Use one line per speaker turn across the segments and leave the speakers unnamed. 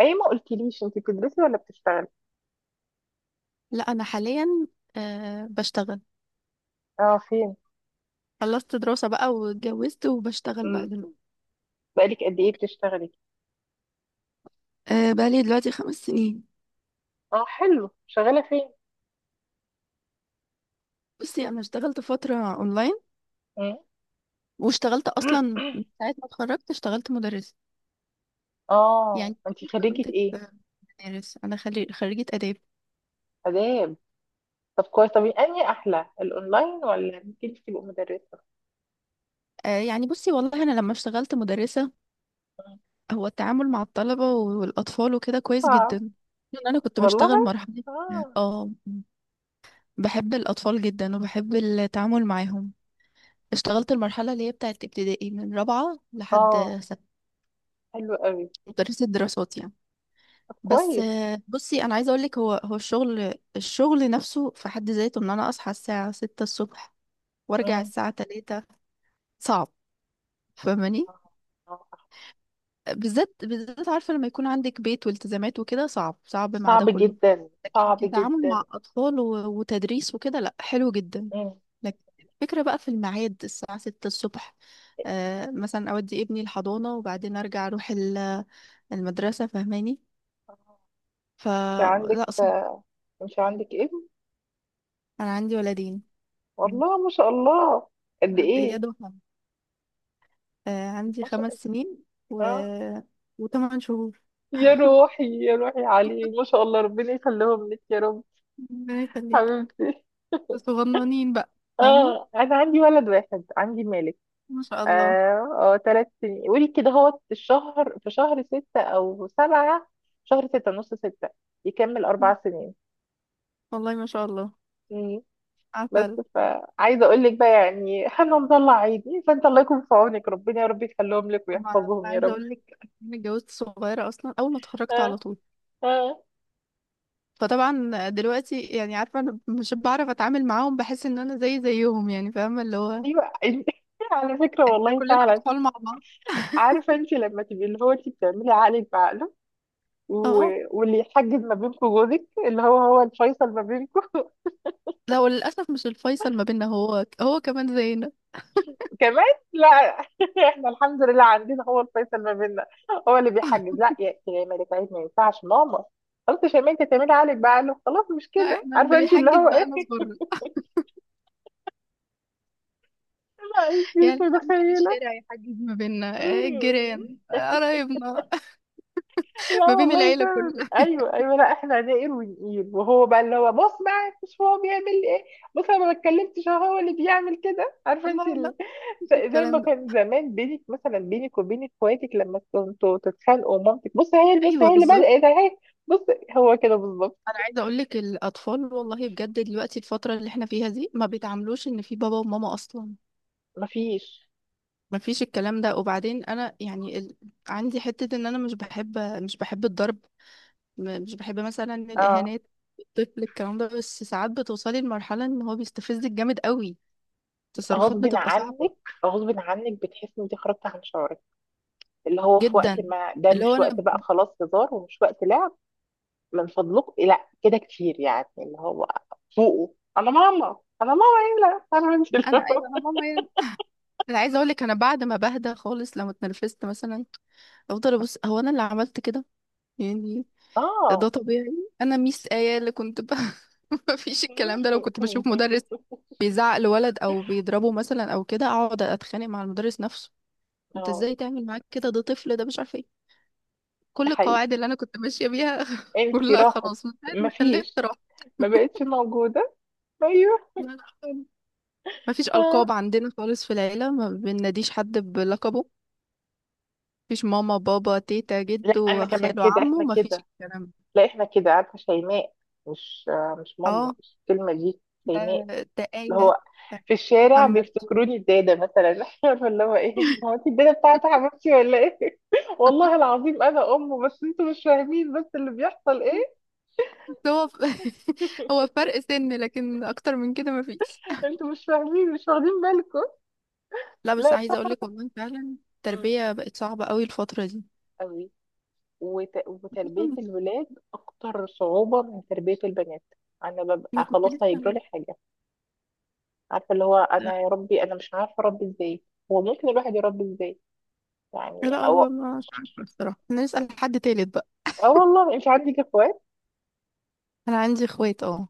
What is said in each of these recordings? اي، ما قلتليش انت بتدرسي ولا بتشتغلي؟
لا، انا حاليا بشتغل.
اه، فين؟
خلصت دراسة بقى واتجوزت وبشتغل بقى
امم.
دلوقتي.
بقالك قد ايه بتشتغلي؟
أه، بقالي دلوقتي 5 سنين.
اه حلو، شغاله فين؟
بصي انا اشتغلت فترة اونلاين
مم.
واشتغلت اصلا من ساعة ما اتخرجت اشتغلت مدرسة.
اه
يعني
انت خريجه
اشتغلت
ايه؟
في مدارس، انا خريجة اداب.
اداب. طب كويس، طب انهي احلى، الاونلاين ولا انك انت تبقي مدرسه؟
أه، يعني بصي والله انا لما اشتغلت مدرسة،
مم.
هو التعامل مع الطلبة والاطفال وكده كويس
صعب.
جدا. لأن انا كنت
والله.
بشتغل مرحلة،
اه.
اه بحب الاطفال جدا وبحب التعامل معاهم. اشتغلت المرحلة اللي هي بتاعت ابتدائي من رابعة
اه
لحد ستة،
حلو قوي.
مدرسة دراسات يعني.
طب
بس
كويس.
بصي أنا عايزة أقولك، هو الشغل نفسه في حد ذاته إن أنا أصحى الساعة ستة الصبح وأرجع
مم.
الساعة تلاتة، صعب. فاهماني؟
آه. آه.
بالذات بالذات عارفة لما يكون عندك بيت والتزامات وكده، صعب صعب مع ده
صعب
كله.
جدا،
لكن
صعب
كتعامل مع
جدا.
أطفال وتدريس وكده لأ، حلو جدا.
مم.
لكن الفكرة بقى في الميعاد، الساعة ستة الصبح. آه مثلا أودي ابني الحضانة وبعدين أرجع أروح المدرسة. فاهماني؟
آه. انت عندك
فلا، صعب.
انت عندك ابن؟
أنا عندي ولدين. مم.
والله ما شاء الله. قد ايه؟
إياد وحمد، آه عندي
ما شاء الله.
5 سنين و...
آه.
و8 شهور.
يا روحي، يا روحي عليه، ما شاء الله، ربنا يخليهم لك يا رب.
ربنا يخليك.
حبيبتي.
صغننين بقى. فاهمة؟
اه انا عندي ولد واحد، عندي مالك.
ما شاء
اه.
الله.
اه ثلاث سنين، قولي كده، هو الشهر في شهر ستة او سبعة، شهر ستة نص ستة، يكمل اربع سنين.
والله ما شاء الله،
مم. بس.
عسل.
فعايزة اقول لك بقى يعني احنا مطلع عيني، فانت الله يكون في عونك، ربنا يا رب يخليهم لك
ما-
ويحفظهم يا
عايزة
رب.
أقول لك، أنا اتجوزت صغيرة أصلا، أول ما اتخرجت
اه.
على طول.
اه.
فطبعا دلوقتي يعني عارفة، أنا مش بعرف أتعامل معاهم، بحس إن أنا زيهم، يعني فاهمة اللي هو
ايوه. على فكرة
احنا
والله
كلنا
فعلا.
أطفال مع بعض.
عارفه انت لما تبقي اللي هو انت بتعملي عقلك بعقله، و...
اه،
واللي يحجز ما بينكم جوزك اللي هو الفيصل ما بينكم.
لا هو للأسف مش الفيصل ما بيننا، هو كمان زينا.
كمان. لا. احنا الحمد لله عندنا هو الفيصل ما بيننا، هو اللي بيحجز. لا يا ملك، عيب، ما ينفعش ماما. خلاص يا شيماء، انت تعملي عقلك بعقله، خلاص مش
لا،
كده،
احنا اللي
عارفه انت اللي
بيحجز
هو
بقى
ايه.
ناس بره.
لا انت مش
يعني احنا ممكن
متخيله.
الشارع يحجز ما بيننا، الجيران، قرايبنا.
لا
ما بين
والله
العيلة
فعلا،
كلها.
ايوه ايوه، لا احنا هنقل ونقيل، وهو بقى اللي هو بص بقى، مش هو بيعمل ايه؟ بص انا ما اتكلمتش، أهو هو اللي بيعمل كده، عارفه
لا لا، مش
زي ما
الكلام ده.
كان زمان بينك مثلا، بينك وبين اخواتك لما كنتوا تتخانقوا مامتك بص، هي بص،
ايوه
هي اللي
بالظبط.
بدأت اهي. بص. هو كده بالظبط.
انا عايزه اقول لك الاطفال والله بجد دلوقتي، الفتره اللي احنا فيها دي ما بيتعاملوش ان في بابا وماما اصلا.
مفيش.
ما فيش الكلام ده. وبعدين انا يعني عندي حته ان انا مش بحب، مش بحب الضرب، مش بحب مثلا
اه.
الإهانات، الطفل الكلام ده. بس ساعات بتوصلي لمرحلة إن هو بيستفزك جامد قوي، تصرفات
غصب
بتبقى صعبة
عنك، غصب عنك، بتحس ان انت خرجت عن شعورك، اللي هو في
جدا.
وقت ما ده
اللي هو
مش وقت
أنا
بقى خلاص هزار ومش وقت لعب. من فضلك لا، كده كتير يعني اللي هو فوقه. انا ماما. انا ماما ايه؟ لا، فاهمه انت اللي
أنا أيوه،
هو.
أنا ماما يعني. أنا عايزة أقولك أنا بعد ما بهدى خالص لما اتنرفزت مثلا، أفضل أبص هو أنا اللي عملت كده يعني. ده
اه.
طبيعي. أنا ميس آية اللي كنت مفيش الكلام ده. لو كنت بشوف مدرس بيزعق لولد او بيضربه مثلا او كده، اقعد اتخانق مع المدرس نفسه. انت
اه.
ازاي تعمل معاك كده؟ ده طفل، ده مش عارفه ايه.
ده
كل
حقيقي،
القواعد اللي انا كنت ماشيه بيها
انت
كلها
راحت،
خلاص من ساعه ما خلفت
مفيش،
راحت.
ما بقتش موجوده. ايوه.
لا لا، ما فيش
آه.
القاب عندنا خالص في العيله، ما بناديش حد بلقبه. ما فيش ماما بابا تيتا
لا انا
جدو
كمان
خاله
كده،
عمه،
احنا
ما فيش
كده،
الكلام ده.
لا احنا كده، عارفه شيماء، مش آه، مش ماما،
اه،
مش الكلمه دي،
ده
شيماء،
ده
اللي
آية،
هو
ده
في الشارع
محمد.
بيفتكروني الدادة مثلا. عارفة اللي هو ايه، هو انت الدادة بتاعت حبيبتي ولا ايه؟ والله العظيم انا امه، بس انتوا مش فاهمين، بس اللي بيحصل ايه؟
بس هو فرق سن، لكن اكتر من كده ما فيش.
انتوا مش فاهمين، مش واخدين بالكم.
لا بس
لا.
عايزه اقول لك والله فعلا
مم.
التربيه بقت صعبه قوي الفتره دي.
قوي. وتربية الولاد أكتر صعوبة من تربية البنات. أنا
انا
ببقى
كنت
خلاص
لسه.
هيجرالي حاجة، عارفة اللي هو، أنا يا ربي أنا مش عارفة أربي إزاي، هو ممكن الواحد يربي إزاي يعني
لا،
أو.
هو ما مش عارفة الصراحه، نسال حد تالت.
أه والله، أنت عندك إخوات؟
انا عندي اخوات، اه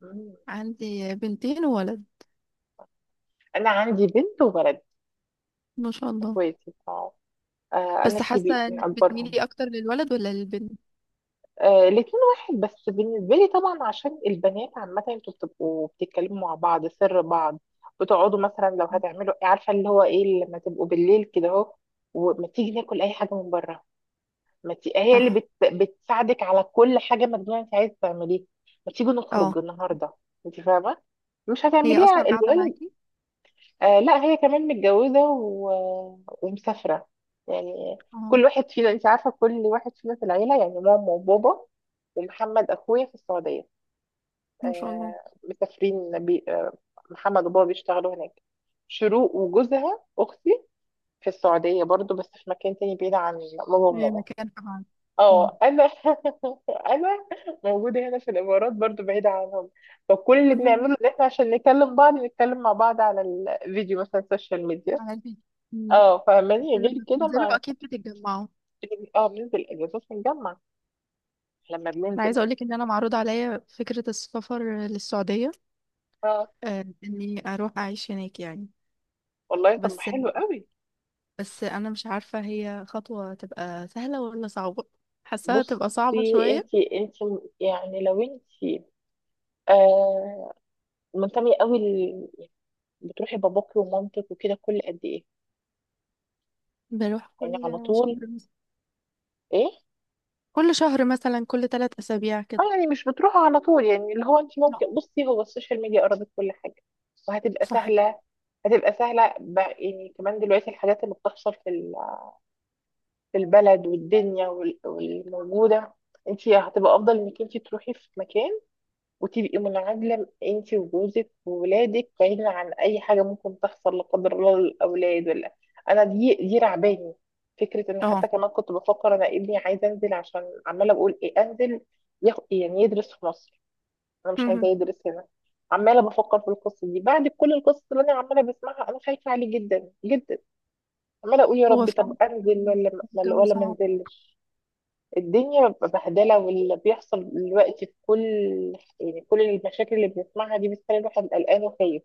مم.
عندي بنتين وولد.
أنا عندي بنت وولد.
ما شاء الله.
اخواتي اه. آه، انا
بس
كبير
حاسه
من
انك
اكبرهم.
بتميلي اكتر للولد ولا للبنت؟
آه، الاتنين واحد بس بالنسبه لي طبعا، عشان البنات عامه انتوا بتبقوا بتتكلموا مع بعض سر بعض، بتقعدوا مثلا لو هتعملوا، عارفه اللي هو ايه، لما تبقوا بالليل كده اهو، وما تيجي ناكل اي حاجه من بره، ما تي... هي اللي
صح.
بتساعدك على كل حاجه مجنونه انت عايز تعمليها، ما تيجي
اه،
نخرج النهارده، انت فاهمه، مش
هي اصلا
هتعمليها
قاعده
الولد.
معاكي.
آه لا، هي كمان متجوزة ومسافرة، يعني
اه،
كل واحد فينا، انت عارفة كل واحد فينا في العيلة، يعني ماما وبابا ومحمد أخويا في السعودية.
ما شاء الله.
آه. مسافرين آه، محمد وبابا بيشتغلوا هناك، شروق وجوزها أختي في السعودية برضو، بس في مكان تاني بعيد عن بابا
هي
وماما.
مكان قاعد. مم.
اه انا انا موجوده هنا في الامارات برضو، بعيده عنهم، فكل اللي
مهم.
بنعمله ان احنا عشان نكلم بعض نتكلم مع بعض على الفيديو مثلا، السوشيال ميديا.
على البيت. مم.
اه
بس
فاهماني، غير
لما
كده
بتنزلوا
ما.
اكيد بتتجمعوا.
اه بننزل اجازات، بنجمع لما
انا
بننزل.
عايزه اقولك ان انا معروض عليا فكره السفر للسعوديه،
اه
اني اروح اعيش هناك يعني.
والله طب ما
بس
حلو قوي.
بس انا مش عارفه هي خطوه تبقى سهله ولا صعبه، حاساها تبقى صعبه
بصي،
شويه.
انت يعني لو انت آه منتمية قوي بتروحي باباكي ومامتك وكده كل قد ايه؟
بروح
يعني
كل
على طول؟
شهر مثلا،
ايه؟
كل شهر مثلا، كل 3 أسابيع
اه
كده.
يعني مش بتروحوا على طول، يعني اللي هو انت
لا.
ممكن بصي، هو السوشيال ميديا قربت كل حاجة، وهتبقى
صح.
سهلة، هتبقى سهلة بقى. يعني كمان دلوقتي الحاجات اللي بتحصل في البلد والدنيا والموجودة، انت هتبقى افضل انك انت تروحي في مكان وتبقي منعزله انت وجوزك وولادك بعيدا عن اي حاجه ممكن تحصل لا قدر الله للاولاد انا دي رعباني فكره، ان حتى
اه.
كمان كنت بفكر انا ابني عايز انزل، عشان عماله بقول ايه انزل، يعني يدرس في مصر، انا مش عايزه
مهم.
يدرس هنا، عماله بفكر في القصه دي بعد كل القصص اللي انا عماله بسمعها، انا خايفه عليه جدا جدا، عماله اقول يا
هو
ربي طب
فعلا
انزل ولا ولا
الجو
ولا ما
صعب.
انزلش. الدنيا بتبقى بهدلة، واللي بيحصل دلوقتي في كل، يعني كل المشاكل اللي بنسمعها دي بتخلي الواحد قلقان وخايف.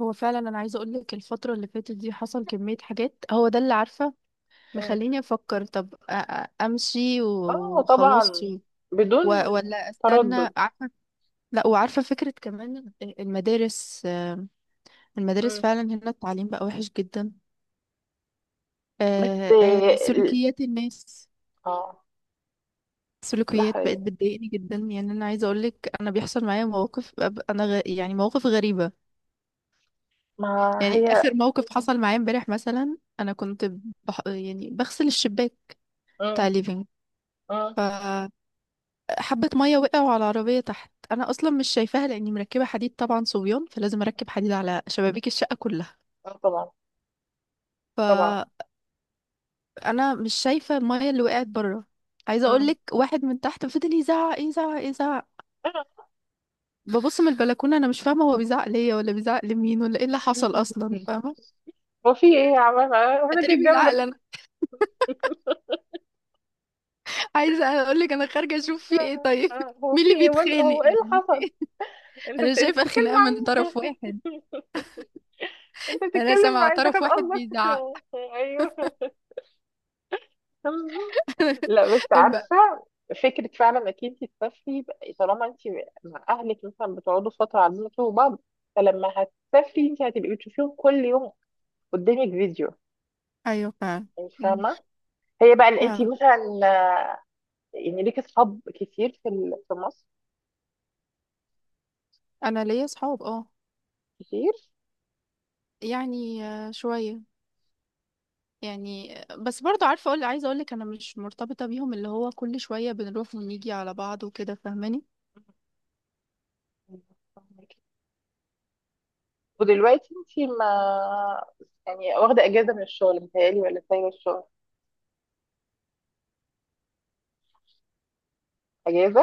هو فعلا انا عايزه اقول لك الفتره اللي فاتت دي حصل كميه حاجات، هو ده اللي عارفه
مم.
مخليني افكر، طب امشي
اه
وخلاص
طبعا. بدون
ولا استنى،
تردد.
عارفه. لا، وعارفه فكره كمان، المدارس آم، المدارس
مم.
فعلا هنا التعليم بقى وحش جدا.
بس
سلوكيات الناس،
اه. ده
سلوكيات بقت
حقيقي.
بتضايقني جدا. يعني انا عايزه اقول لك انا بيحصل معايا مواقف، يعني مواقف غريبه.
ما
يعني
هي.
اخر موقف حصل معايا امبارح مثلا، انا كنت يعني بغسل الشباك بتاع
مم.
ليفينج،
مم.
فحبه ميه وقعوا على العربيه تحت. انا اصلا مش شايفاها لاني مركبه حديد طبعا، صبيان فلازم اركب حديد على شبابيك الشقه كلها.
اه طبعا. طبعا.
فانا مش شايفه الميه اللي وقعت بره. عايزه اقول
مم.
لك واحد من تحت فضل يزعق، يزعق، يزعق. ببص من البلكونة، أنا مش فاهمة هو بيزعق ليا ولا بيزعق لمين ولا إيه اللي حصل أصلا، فاهمة؟
هو في ايه يا عمال؟ آه، انا
أتاري
جيت
بيزعق لي
جنبك.
أنا. عايزة أقولك أنا خارجة أشوف في إيه، طيب.
آه، هو
مين
في
اللي
ايه
بيتخانق
هو ايه اللي
يعني؟
حصل؟ انت
أنا
انت
شايفة
بتتكلم
خناقة من
معايا،
طرف واحد،
انت
أنا
بتتكلم
سامعة
معايا، انت
طرف
كان
واحد
قصدك.
بيزعق.
ايوه. لا بس
الب-
عارفة، فكرة فعلا انك انت تسافري بقى، طالما انت مع اهلك مثلا بتقعدوا فترة، عارفين انتوا بعض، فلما هتسافري انت هتبقي بتشوفيهم كل يوم قدامك فيديو،
ايوه فعلا.
انت
مم.
فاهمة. هي بقى ان انت
فعلا
مثلا يعني ليك اصحاب كتير في في مصر
انا ليا صحاب، اه
كتير؟
يعني شويه. يعني آه، بس برضو عارفه اقول عايزه اقول لك انا مش مرتبطه بيهم اللي هو كل شويه بنروح ونيجي على بعض وكده، فاهماني؟
ودلوقتي انت ما، يعني واخدة اجازة من الشغل متهيألي، ولا سايبة الشغل اجازة؟